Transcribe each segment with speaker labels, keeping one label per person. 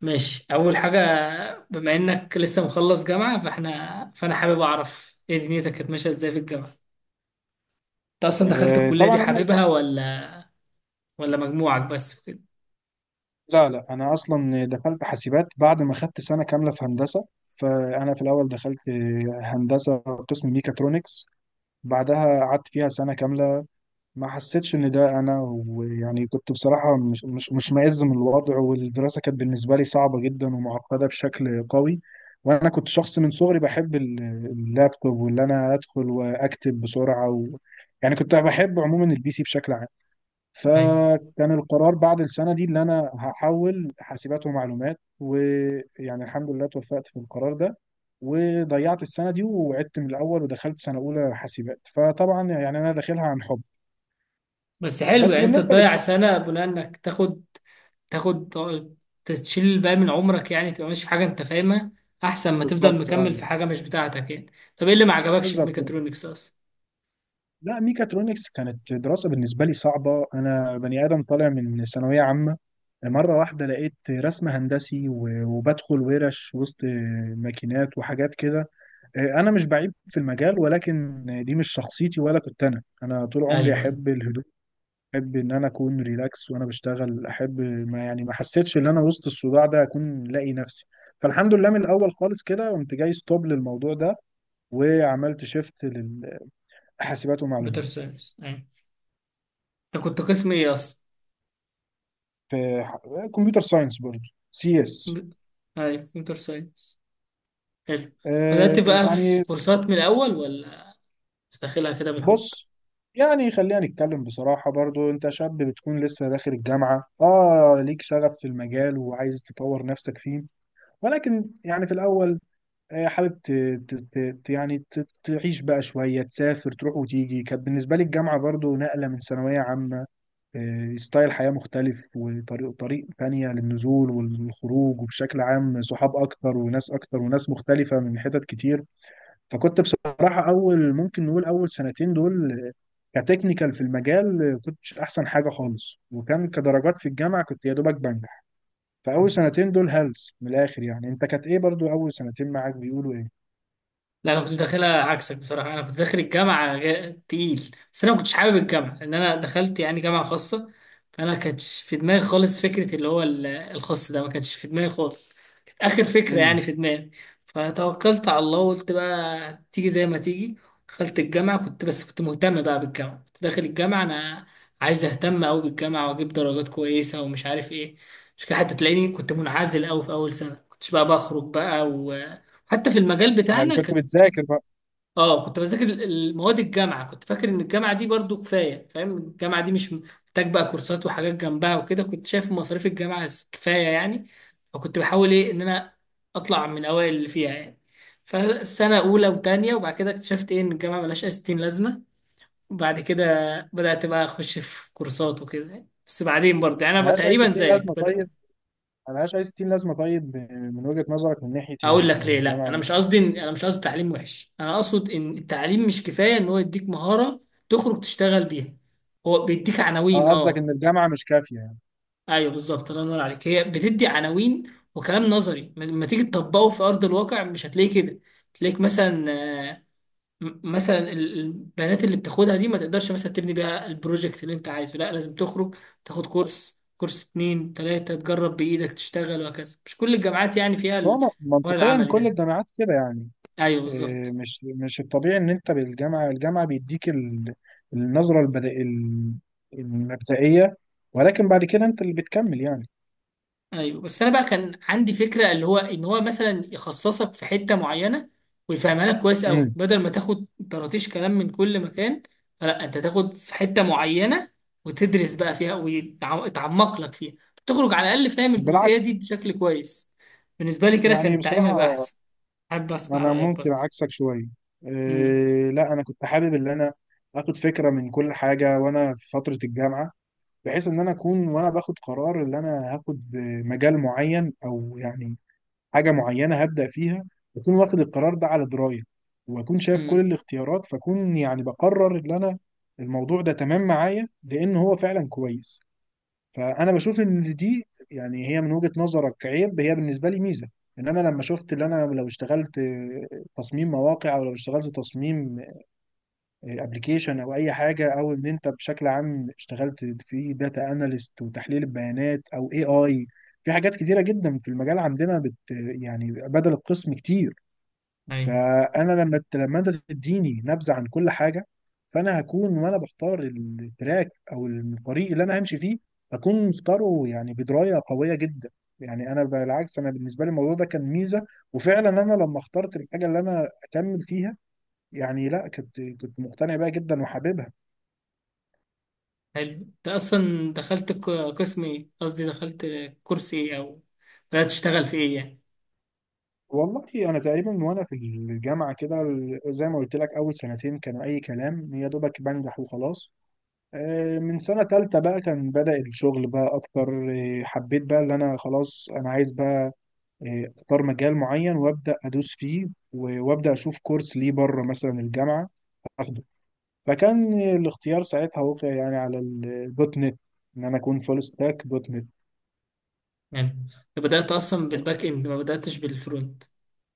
Speaker 1: ماشي، اول حاجه. بما انك لسه مخلص جامعه فانا حابب اعرف ايه دنيتك كانت ماشيه ازاي في الجامعه. انت اصلا دخلت
Speaker 2: آه،
Speaker 1: الكليه
Speaker 2: طبعا
Speaker 1: دي
Speaker 2: انا
Speaker 1: حاببها ولا، ولا مجموعك بس وكده؟
Speaker 2: لا انا اصلا دخلت حاسبات بعد ما خدت سنه كامله في هندسه، فانا في الاول دخلت هندسه قسم ميكاترونكس. بعدها قعدت فيها سنه كامله، ما حسيتش ان ده انا. ويعني كنت بصراحه مش مائز من الوضع، والدراسه كانت بالنسبه لي صعبه جدا ومعقده بشكل قوي. وانا كنت شخص من صغري بحب اللابتوب، واللي انا ادخل واكتب بسرعه يعني كنت بحب عموما البي سي بشكل عام.
Speaker 1: ايوه،
Speaker 2: فكان القرار بعد السنة دي اللي أنا هحول حاسبات ومعلومات، ويعني الحمد لله توفقت في القرار ده. وضيعت السنة دي وعدت من الأول، ودخلت سنة أولى حاسبات، فطبعا يعني أنا داخلها عن حب.
Speaker 1: بس حلو
Speaker 2: بس
Speaker 1: يعني انت
Speaker 2: بالنسبة
Speaker 1: تضيع
Speaker 2: للجامعة،
Speaker 1: سنه بناء انك تاخد تاخد تشيل الباقي من عمرك، يعني تبقى ماشي في حاجه انت فاهمها احسن ما تفضل
Speaker 2: بالظبط اه.
Speaker 1: مكمل في حاجه مش بتاعتك يعني. طب ايه اللي ما عجبكش في
Speaker 2: بالظبط.
Speaker 1: ميكاترونكس اصلا؟
Speaker 2: لا، ميكاترونكس كانت دراسة بالنسبة لي صعبة، أنا بني آدم طالع من ثانوية عامة، مرة واحدة لقيت رسم هندسي وبدخل ورش وسط ماكينات وحاجات كده. انا مش بعيب في المجال، ولكن دي مش شخصيتي، ولا كنت انا طول عمري
Speaker 1: ايوه، ايوه.
Speaker 2: احب الهدوء، احب ان انا اكون ريلاكس وانا بشتغل، احب ما يعني ما حسيتش ان انا وسط الصداع ده اكون لاقي نفسي. فالحمد لله من الاول خالص كده قمت جاي ستوب للموضوع ده، وعملت شيفت للحاسبات
Speaker 1: كمبيوتر
Speaker 2: ومعلومات.
Speaker 1: ساينس، ايوه. انت كنت قسم ايه اصلا؟
Speaker 2: في كمبيوتر ساينس برضه، سي اس.
Speaker 1: ب- ايوه، كمبيوتر ساينس. حلو. بدأت بقى في
Speaker 2: يعني
Speaker 1: كورسات من الأول ولا داخلها كده بالحب؟
Speaker 2: بص، يعني خلينا نتكلم بصراحة برضو، انت شاب بتكون لسه داخل الجامعة، اه ليك شغف في المجال وعايز تطور نفسك فيه. ولكن يعني في الأول آه، حابب ت... ت... ت... ت- يعني ت... تعيش بقى شوية، تسافر تروح وتيجي. كانت بالنسبة لي الجامعة برضو نقلة من ثانوية عامة، ستايل حياة مختلف، وطريق تانية للنزول والخروج، وبشكل عام صحاب أكتر وناس أكتر وناس مختلفة من حتت كتير. فكنت بصراحة، أول ممكن نقول أول سنتين دول، كتكنيكال في المجال كنتش احسن حاجه خالص، وكان كدرجات في الجامعه كنت يا دوبك بنجح. فاول سنتين دول هلس من الاخر. يعني انت كانت ايه برضو اول سنتين معاك، بيقولوا ايه؟
Speaker 1: لا، انا كنت داخلها عكسك بصراحه. انا كنت داخل الجامعه تقيل، بس انا ما كنتش حابب الجامعه لان انا دخلت يعني جامعه خاصه. فانا كانتش في دماغي خالص فكره اللي هو الخاص ده، ما كانتش في دماغي خالص. كانت اخر فكره
Speaker 2: امم
Speaker 1: يعني في دماغي. فتوكلت على الله وقلت بقى تيجي زي ما تيجي. دخلت الجامعه، كنت بس كنت مهتم بقى بالجامعه، كنت داخل الجامعه انا عايز اهتم قوي بالجامعه واجيب درجات كويسه ومش عارف ايه. مش كده، حتى تلاقيني كنت منعزل قوي في اول سنه، كنتش بقى بخرج بقى، و حتى في المجال
Speaker 2: يعني
Speaker 1: بتاعنا
Speaker 2: كنت
Speaker 1: كان،
Speaker 2: بتذاكر بقى.
Speaker 1: اه، كنت بذاكر المواد. الجامعه كنت فاكر ان الجامعه دي برضو كفايه، فاهم، الجامعه دي مش محتاج بقى كورسات وحاجات جنبها وكده. كنت شايف مصاريف الجامعه كفايه يعني. فكنت بحاول ايه ان انا اطلع من اوائل اللي فيها يعني. فسنه اولى وتانية وبعد كده اكتشفت ايه ان الجامعه ملهاش اي ستين لازمه. وبعد كده بدات بقى اخش في كورسات وكده يعني. بس بعدين برضه يعني انا بقى
Speaker 2: ملهاش اي
Speaker 1: تقريبا
Speaker 2: 60
Speaker 1: زيك
Speaker 2: لازمه
Speaker 1: بدأ.
Speaker 2: طيب؟ ملهاش اي 60 لازمه طيب؟ من وجهه نظرك من ناحيه ايه
Speaker 1: اقول لك
Speaker 2: يعني
Speaker 1: ليه، لا
Speaker 2: الجامعه؟
Speaker 1: انا مش قصدي انا مش قصدي تعليم وحش، انا اقصد ان التعليم مش كفايه ان هو يديك مهاره تخرج تشتغل بيها. هو بيديك عناوين،
Speaker 2: اه قصدك
Speaker 1: اه.
Speaker 2: ان الجامعه مش كافيه يعني.
Speaker 1: ايوه بالظبط، الله ينور عليك، هي بتدي عناوين وكلام نظري، لما تيجي تطبقه في ارض الواقع مش هتلاقيه كده. تلاقيك مثلا آه، البنات اللي بتاخدها دي ما تقدرش مثلا تبني بيها البروجكت اللي انت عايزه. لا، لازم تخرج تاخد كورس، كورس اتنين تلاتة، تجرب بإيدك تشتغل وهكذا. مش كل الجامعات يعني فيها
Speaker 2: بس هو
Speaker 1: الحوار
Speaker 2: منطقيا
Speaker 1: العملي
Speaker 2: كل
Speaker 1: ده.
Speaker 2: الجامعات كده يعني،
Speaker 1: ايوه
Speaker 2: إيه،
Speaker 1: بالظبط.
Speaker 2: مش الطبيعي ان انت بالجامعه، الجامعه بيديك النظره البدائيه، المبدئيه، ولكن بعد كده انت اللي بتكمل يعني.
Speaker 1: ايوه، بس انا بقى كان عندي فكره اللي هو ان هو مثلا يخصصك في حته معينه ويفهمها لك كويس قوي،
Speaker 2: امم
Speaker 1: بدل ما تاخد طراطيش كلام من كل مكان. فلا، انت تاخد في حته معينه وتدرس بقى فيها ويتعمق لك فيها، تخرج على الاقل فاهم الجزئيه دي
Speaker 2: بالعكس،
Speaker 1: بشكل كويس. بالنسبه لي كده كان
Speaker 2: يعني
Speaker 1: التعليم هيبقى
Speaker 2: بصراحه
Speaker 1: احسن. حابب اسمع
Speaker 2: انا
Speaker 1: رايك
Speaker 2: ممكن
Speaker 1: برضه.
Speaker 2: عكسك شويه.
Speaker 1: امم،
Speaker 2: إيه، لا انا كنت حابب ان انا اخد فكره من كل حاجه وانا في فتره الجامعه، بحيث ان انا اكون وانا باخد قرار ان انا هاخد مجال معين، او يعني حاجه معينه هبدا فيها، اكون واخد القرار ده على درايه، واكون شايف كل
Speaker 1: امم،
Speaker 2: الاختيارات، فاكون يعني بقرر ان انا الموضوع ده تمام معايا لان هو فعلا كويس. فانا بشوف ان دي يعني هي من وجهة نظرك عيب، هي بالنسبه لي ميزه. ان انا لما شفت ان انا لو اشتغلت تصميم مواقع، او لو اشتغلت تصميم ابلكيشن، او اي حاجه، او ان انت بشكل عام اشتغلت في داتا اناليست وتحليل البيانات، او اي في حاجات كتيره جدا في المجال عندنا بت، يعني بدل القسم كتير.
Speaker 1: ايوه.
Speaker 2: فانا لما لما انت تديني نبذه عن كل حاجه، فانا هكون وانا بختار التراك او الطريق اللي انا همشي فيه، هكون مختاره يعني بدرايه قويه جدا. يعني انا بالعكس، انا بالنسبه لي الموضوع ده كان ميزه. وفعلا انا لما اخترت الحاجه اللي انا اكمل فيها، يعني لا كنت مقتنع بيها جدا وحاببها.
Speaker 1: حلو، انت اصلا دخلت قسم ايه؟ قصدي دخلت كورس ايه، او بدات تشتغل في ايه يعني؟
Speaker 2: والله انا تقريبا وانا في الجامعه كده زي ما قلت لك، اول سنتين كانوا اي كلام، يا دوبك بنجح وخلاص. من سنه تالتة بقى كان بدأ الشغل بقى اكتر. حبيت بقى اللي انا خلاص انا عايز بقى اختار مجال معين وابدأ ادوس فيه، وابدأ اشوف كورس ليه بره مثلا الجامعه اخده. فكان الاختيار ساعتها وقع يعني على الدوت نت، ان انا اكون فول ستاك دوت نت.
Speaker 1: يعني أنت بدأت أصلا بالباك إند ما بدأتش بالفرونت،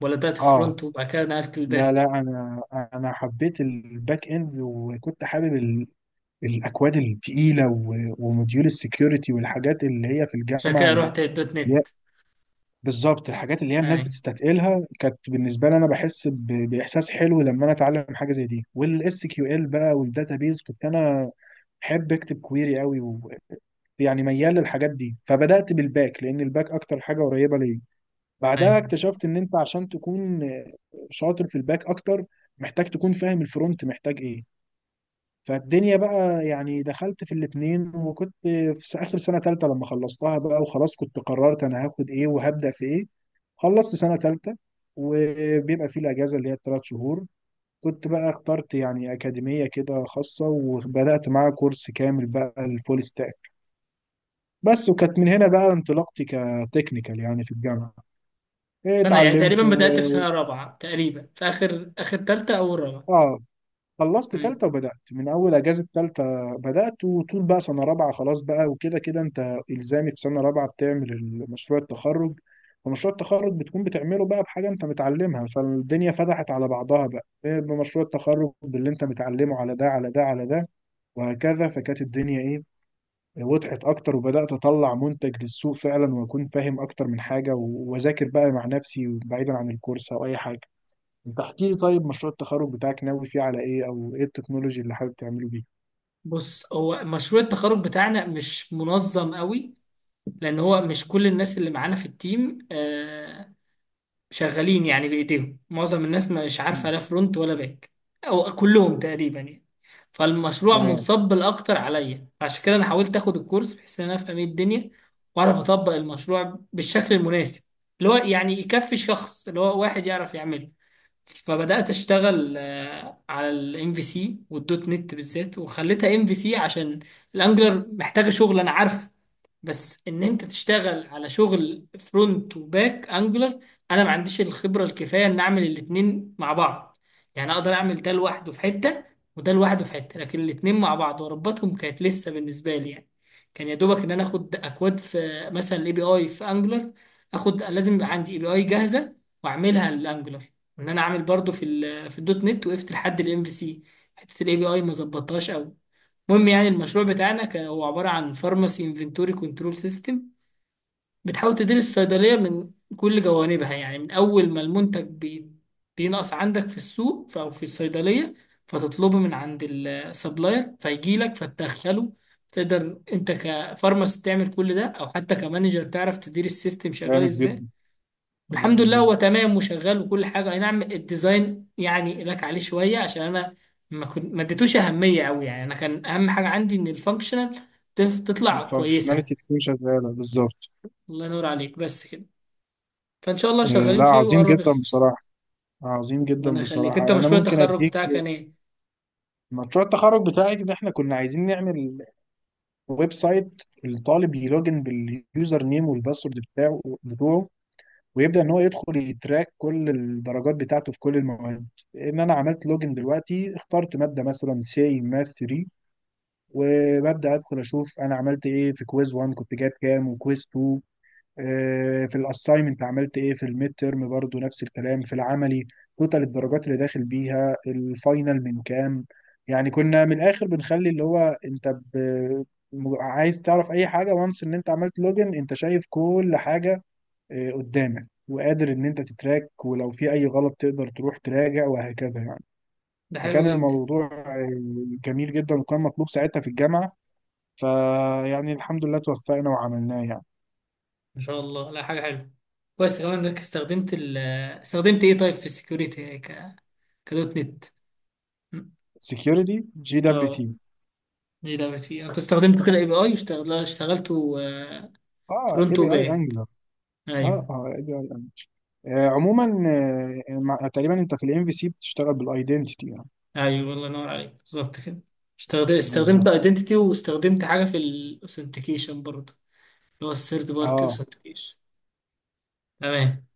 Speaker 1: ولا بدأت
Speaker 2: اه،
Speaker 1: الفرونت وبعد كده نقلت
Speaker 2: لا
Speaker 1: الباك؟
Speaker 2: انا حبيت الباك اند، وكنت حابب الاكواد التقيله وموديول السكيورتي والحاجات اللي هي في
Speaker 1: عشان
Speaker 2: الجامعه
Speaker 1: كده
Speaker 2: اللي
Speaker 1: رحت الدوت
Speaker 2: هي
Speaker 1: نت.
Speaker 2: بالظبط، الحاجات اللي هي الناس
Speaker 1: أي،
Speaker 2: بتستثقلها كانت بالنسبه لي انا بحس باحساس حلو لما انا اتعلم حاجه زي دي. والاس كيو ال بقى والداتابيز، كنت انا بحب اكتب كويري قوي، ويعني ميال للحاجات دي. فبدات بالباك لان الباك اكتر حاجه قريبه ليا. بعدها
Speaker 1: أي.
Speaker 2: اكتشفت ان انت عشان تكون شاطر في الباك اكتر، محتاج تكون فاهم الفرونت محتاج ايه. فالدنيا بقى يعني دخلت في الاتنين، وكنت في اخر سنة تالتة لما خلصتها بقى، وخلاص كنت قررت انا هاخد ايه وهبدأ في ايه. خلصت سنة تالتة وبيبقى في الاجازة اللي هي الثلاث شهور، كنت بقى اخترت يعني أكاديمية كده خاصة، وبدأت معاها كورس كامل بقى الفول ستاك بس، وكانت من هنا بقى انطلاقتي كتكنيكال يعني في الجامعة.
Speaker 1: فأنا يعني تقريبا
Speaker 2: اتعلمت
Speaker 1: بدأت في سنة رابعة تقريبا في آخر آخر تالتة أو رابعة.
Speaker 2: اه خلصت
Speaker 1: أي.
Speaker 2: تالتة، وبدأت من أول أجازة تالتة بدأت، وطول بقى سنة رابعة خلاص بقى، وكده كده أنت إلزامي في سنة رابعة بتعمل مشروع التخرج. ومشروع التخرج بتكون بتعمله بقى بحاجة أنت متعلمها. فالدنيا فتحت على بعضها بقى إيه بمشروع التخرج، باللي أنت متعلمه على ده على ده على ده وهكذا. فكانت الدنيا إيه وضحت أكتر، وبدأت أطلع منتج للسوق فعلا، وأكون فاهم أكتر من حاجة، وأذاكر بقى مع نفسي بعيدا عن الكورس أو أي حاجة. انت احكي لي طيب، مشروع التخرج بتاعك ناوي فيه على ايه، او ايه التكنولوجي اللي حابب تعمله بيه؟
Speaker 1: بص، هو مشروع التخرج بتاعنا مش منظم قوي، لأن هو مش كل الناس اللي معانا في التيم شغالين يعني بايديهم، معظم الناس مش عارفه
Speaker 2: مم.
Speaker 1: لا فرونت ولا باك، او كلهم تقريبا يعني. فالمشروع
Speaker 2: تمام.
Speaker 1: منصب الاكتر عليا، عشان كده انا حاولت اخد الكورس بحيث ان انا افهم ايه الدنيا واعرف اطبق المشروع بالشكل المناسب، اللي هو يعني يكفي شخص اللي هو واحد يعرف يعمله. فبدأت أشتغل على الام في سي والدوت نت بالذات، وخليتها ام في سي عشان الانجلر محتاجة شغل أنا عارفه. بس إن أنت تشتغل على شغل فرونت وباك انجلر، أنا ما عنديش الخبرة الكفاية إن أعمل الاتنين مع بعض. يعني أقدر أعمل ده لوحده في حتة، وده لوحده في حتة، لكن الاتنين مع بعض وأربطهم كانت لسه بالنسبة لي يعني. كان يا دوبك إن أنا آخد أكواد في مثلا الأي بي أي في انجلر، آخد، لازم يبقى عندي أي بي أي جاهزة وأعملها للانجلر. ان انا عامل برضو في الدوت نت، وقفت لحد الام في سي، حته الاي بي اي ما ظبطتهاش قوي. المهم يعني، المشروع بتاعنا كان هو عباره عن فارماسي انفنتوري كنترول سيستم، بتحاول تدير الصيدليه من كل جوانبها، يعني من اول ما المنتج بينقص عندك في السوق، او في الصيدليه، فتطلبه من عند السبلاير فيجي لك فتدخله. تقدر انت كفارماسي تعمل كل ده او حتى كمانجر تعرف تدير السيستم شغال
Speaker 2: جامد
Speaker 1: ازاي.
Speaker 2: جدا.
Speaker 1: والحمد
Speaker 2: جامد
Speaker 1: لله
Speaker 2: جدا.
Speaker 1: هو تمام وشغال وكل حاجه، اي نعم الديزاين يعني لك عليه شويه عشان انا ما اديتوش اهميه قوي. يعني انا كان اهم حاجه عندي ان الفانكشنال تطلع كويسه.
Speaker 2: الفانكشناليتي تكون شغاله بالظبط.
Speaker 1: الله ينور عليك، بس كده. فان شاء الله
Speaker 2: آه.
Speaker 1: شغالين
Speaker 2: لا
Speaker 1: فيه
Speaker 2: عظيم
Speaker 1: وقرب
Speaker 2: جدا
Speaker 1: يخلص.
Speaker 2: بصراحه، عظيم جدا
Speaker 1: ربنا يخليك، انت
Speaker 2: بصراحه. انا
Speaker 1: مشروع
Speaker 2: ممكن
Speaker 1: التخرج
Speaker 2: اديك
Speaker 1: بتاعك كان ايه؟
Speaker 2: مشروع التخرج بتاعي، ان احنا كنا عايزين نعمل ويب سايت، الطالب يلوجن باليوزر نيم والباسورد بتوعه، ويبدا ان هو يدخل يتراك كل الدرجات بتاعته في كل المواد. ان انا عملت لوجن دلوقتي، اخترت ماده مثلا سي ماث 3، وببدا ادخل اشوف انا عملت ايه في كويز 1 كنت جايب كام، وكويز 2، في الاساينمنت عملت ايه، في الميد تيرم برضو نفس الكلام، في العملي توتال الدرجات اللي داخل بيها الفاينل من كام. يعني كنا من الاخر بنخلي اللي هو انت ب... عايز تعرف اي حاجه، وانس ان انت عملت لوجن، انت شايف كل حاجه قدامك، وقادر ان انت تتراك، ولو في اي غلط تقدر تروح تراجع، وهكذا يعني.
Speaker 1: ده حلو
Speaker 2: فكان
Speaker 1: جدا،
Speaker 2: الموضوع جميل جدا، وكان مطلوب ساعتها في الجامعه، فيعني الحمد لله توفقنا وعملناه يعني.
Speaker 1: ما شاء الله، لا حاجه حلوه. كويس كمان انك استخدمت استخدمت ايه طيب في السكيورتي، كدوت نت؟
Speaker 2: سكيورتي جي دبليو تي.
Speaker 1: اه، دي دعوتي، انت استخدمته كده اي بي اي اشتغلت اشتغلته
Speaker 2: اه اي
Speaker 1: فرونت
Speaker 2: بي اي
Speaker 1: وباك؟
Speaker 2: انجلر. اه
Speaker 1: ايوه،
Speaker 2: اه اي بي اي انجلر. آه عموما، آه تقريبا انت في الام في سي بتشتغل بالايدنتيتي يعني.
Speaker 1: ايوه، الله ينور عليك، بالظبط كده. استخدمت
Speaker 2: بالظبط
Speaker 1: ايدنتيتي واستخدمت حاجه في الاوثنتيكيشن برضه، اللي هو الثيرد بارتي
Speaker 2: اه.
Speaker 1: اوثنتيكيشن. تمام.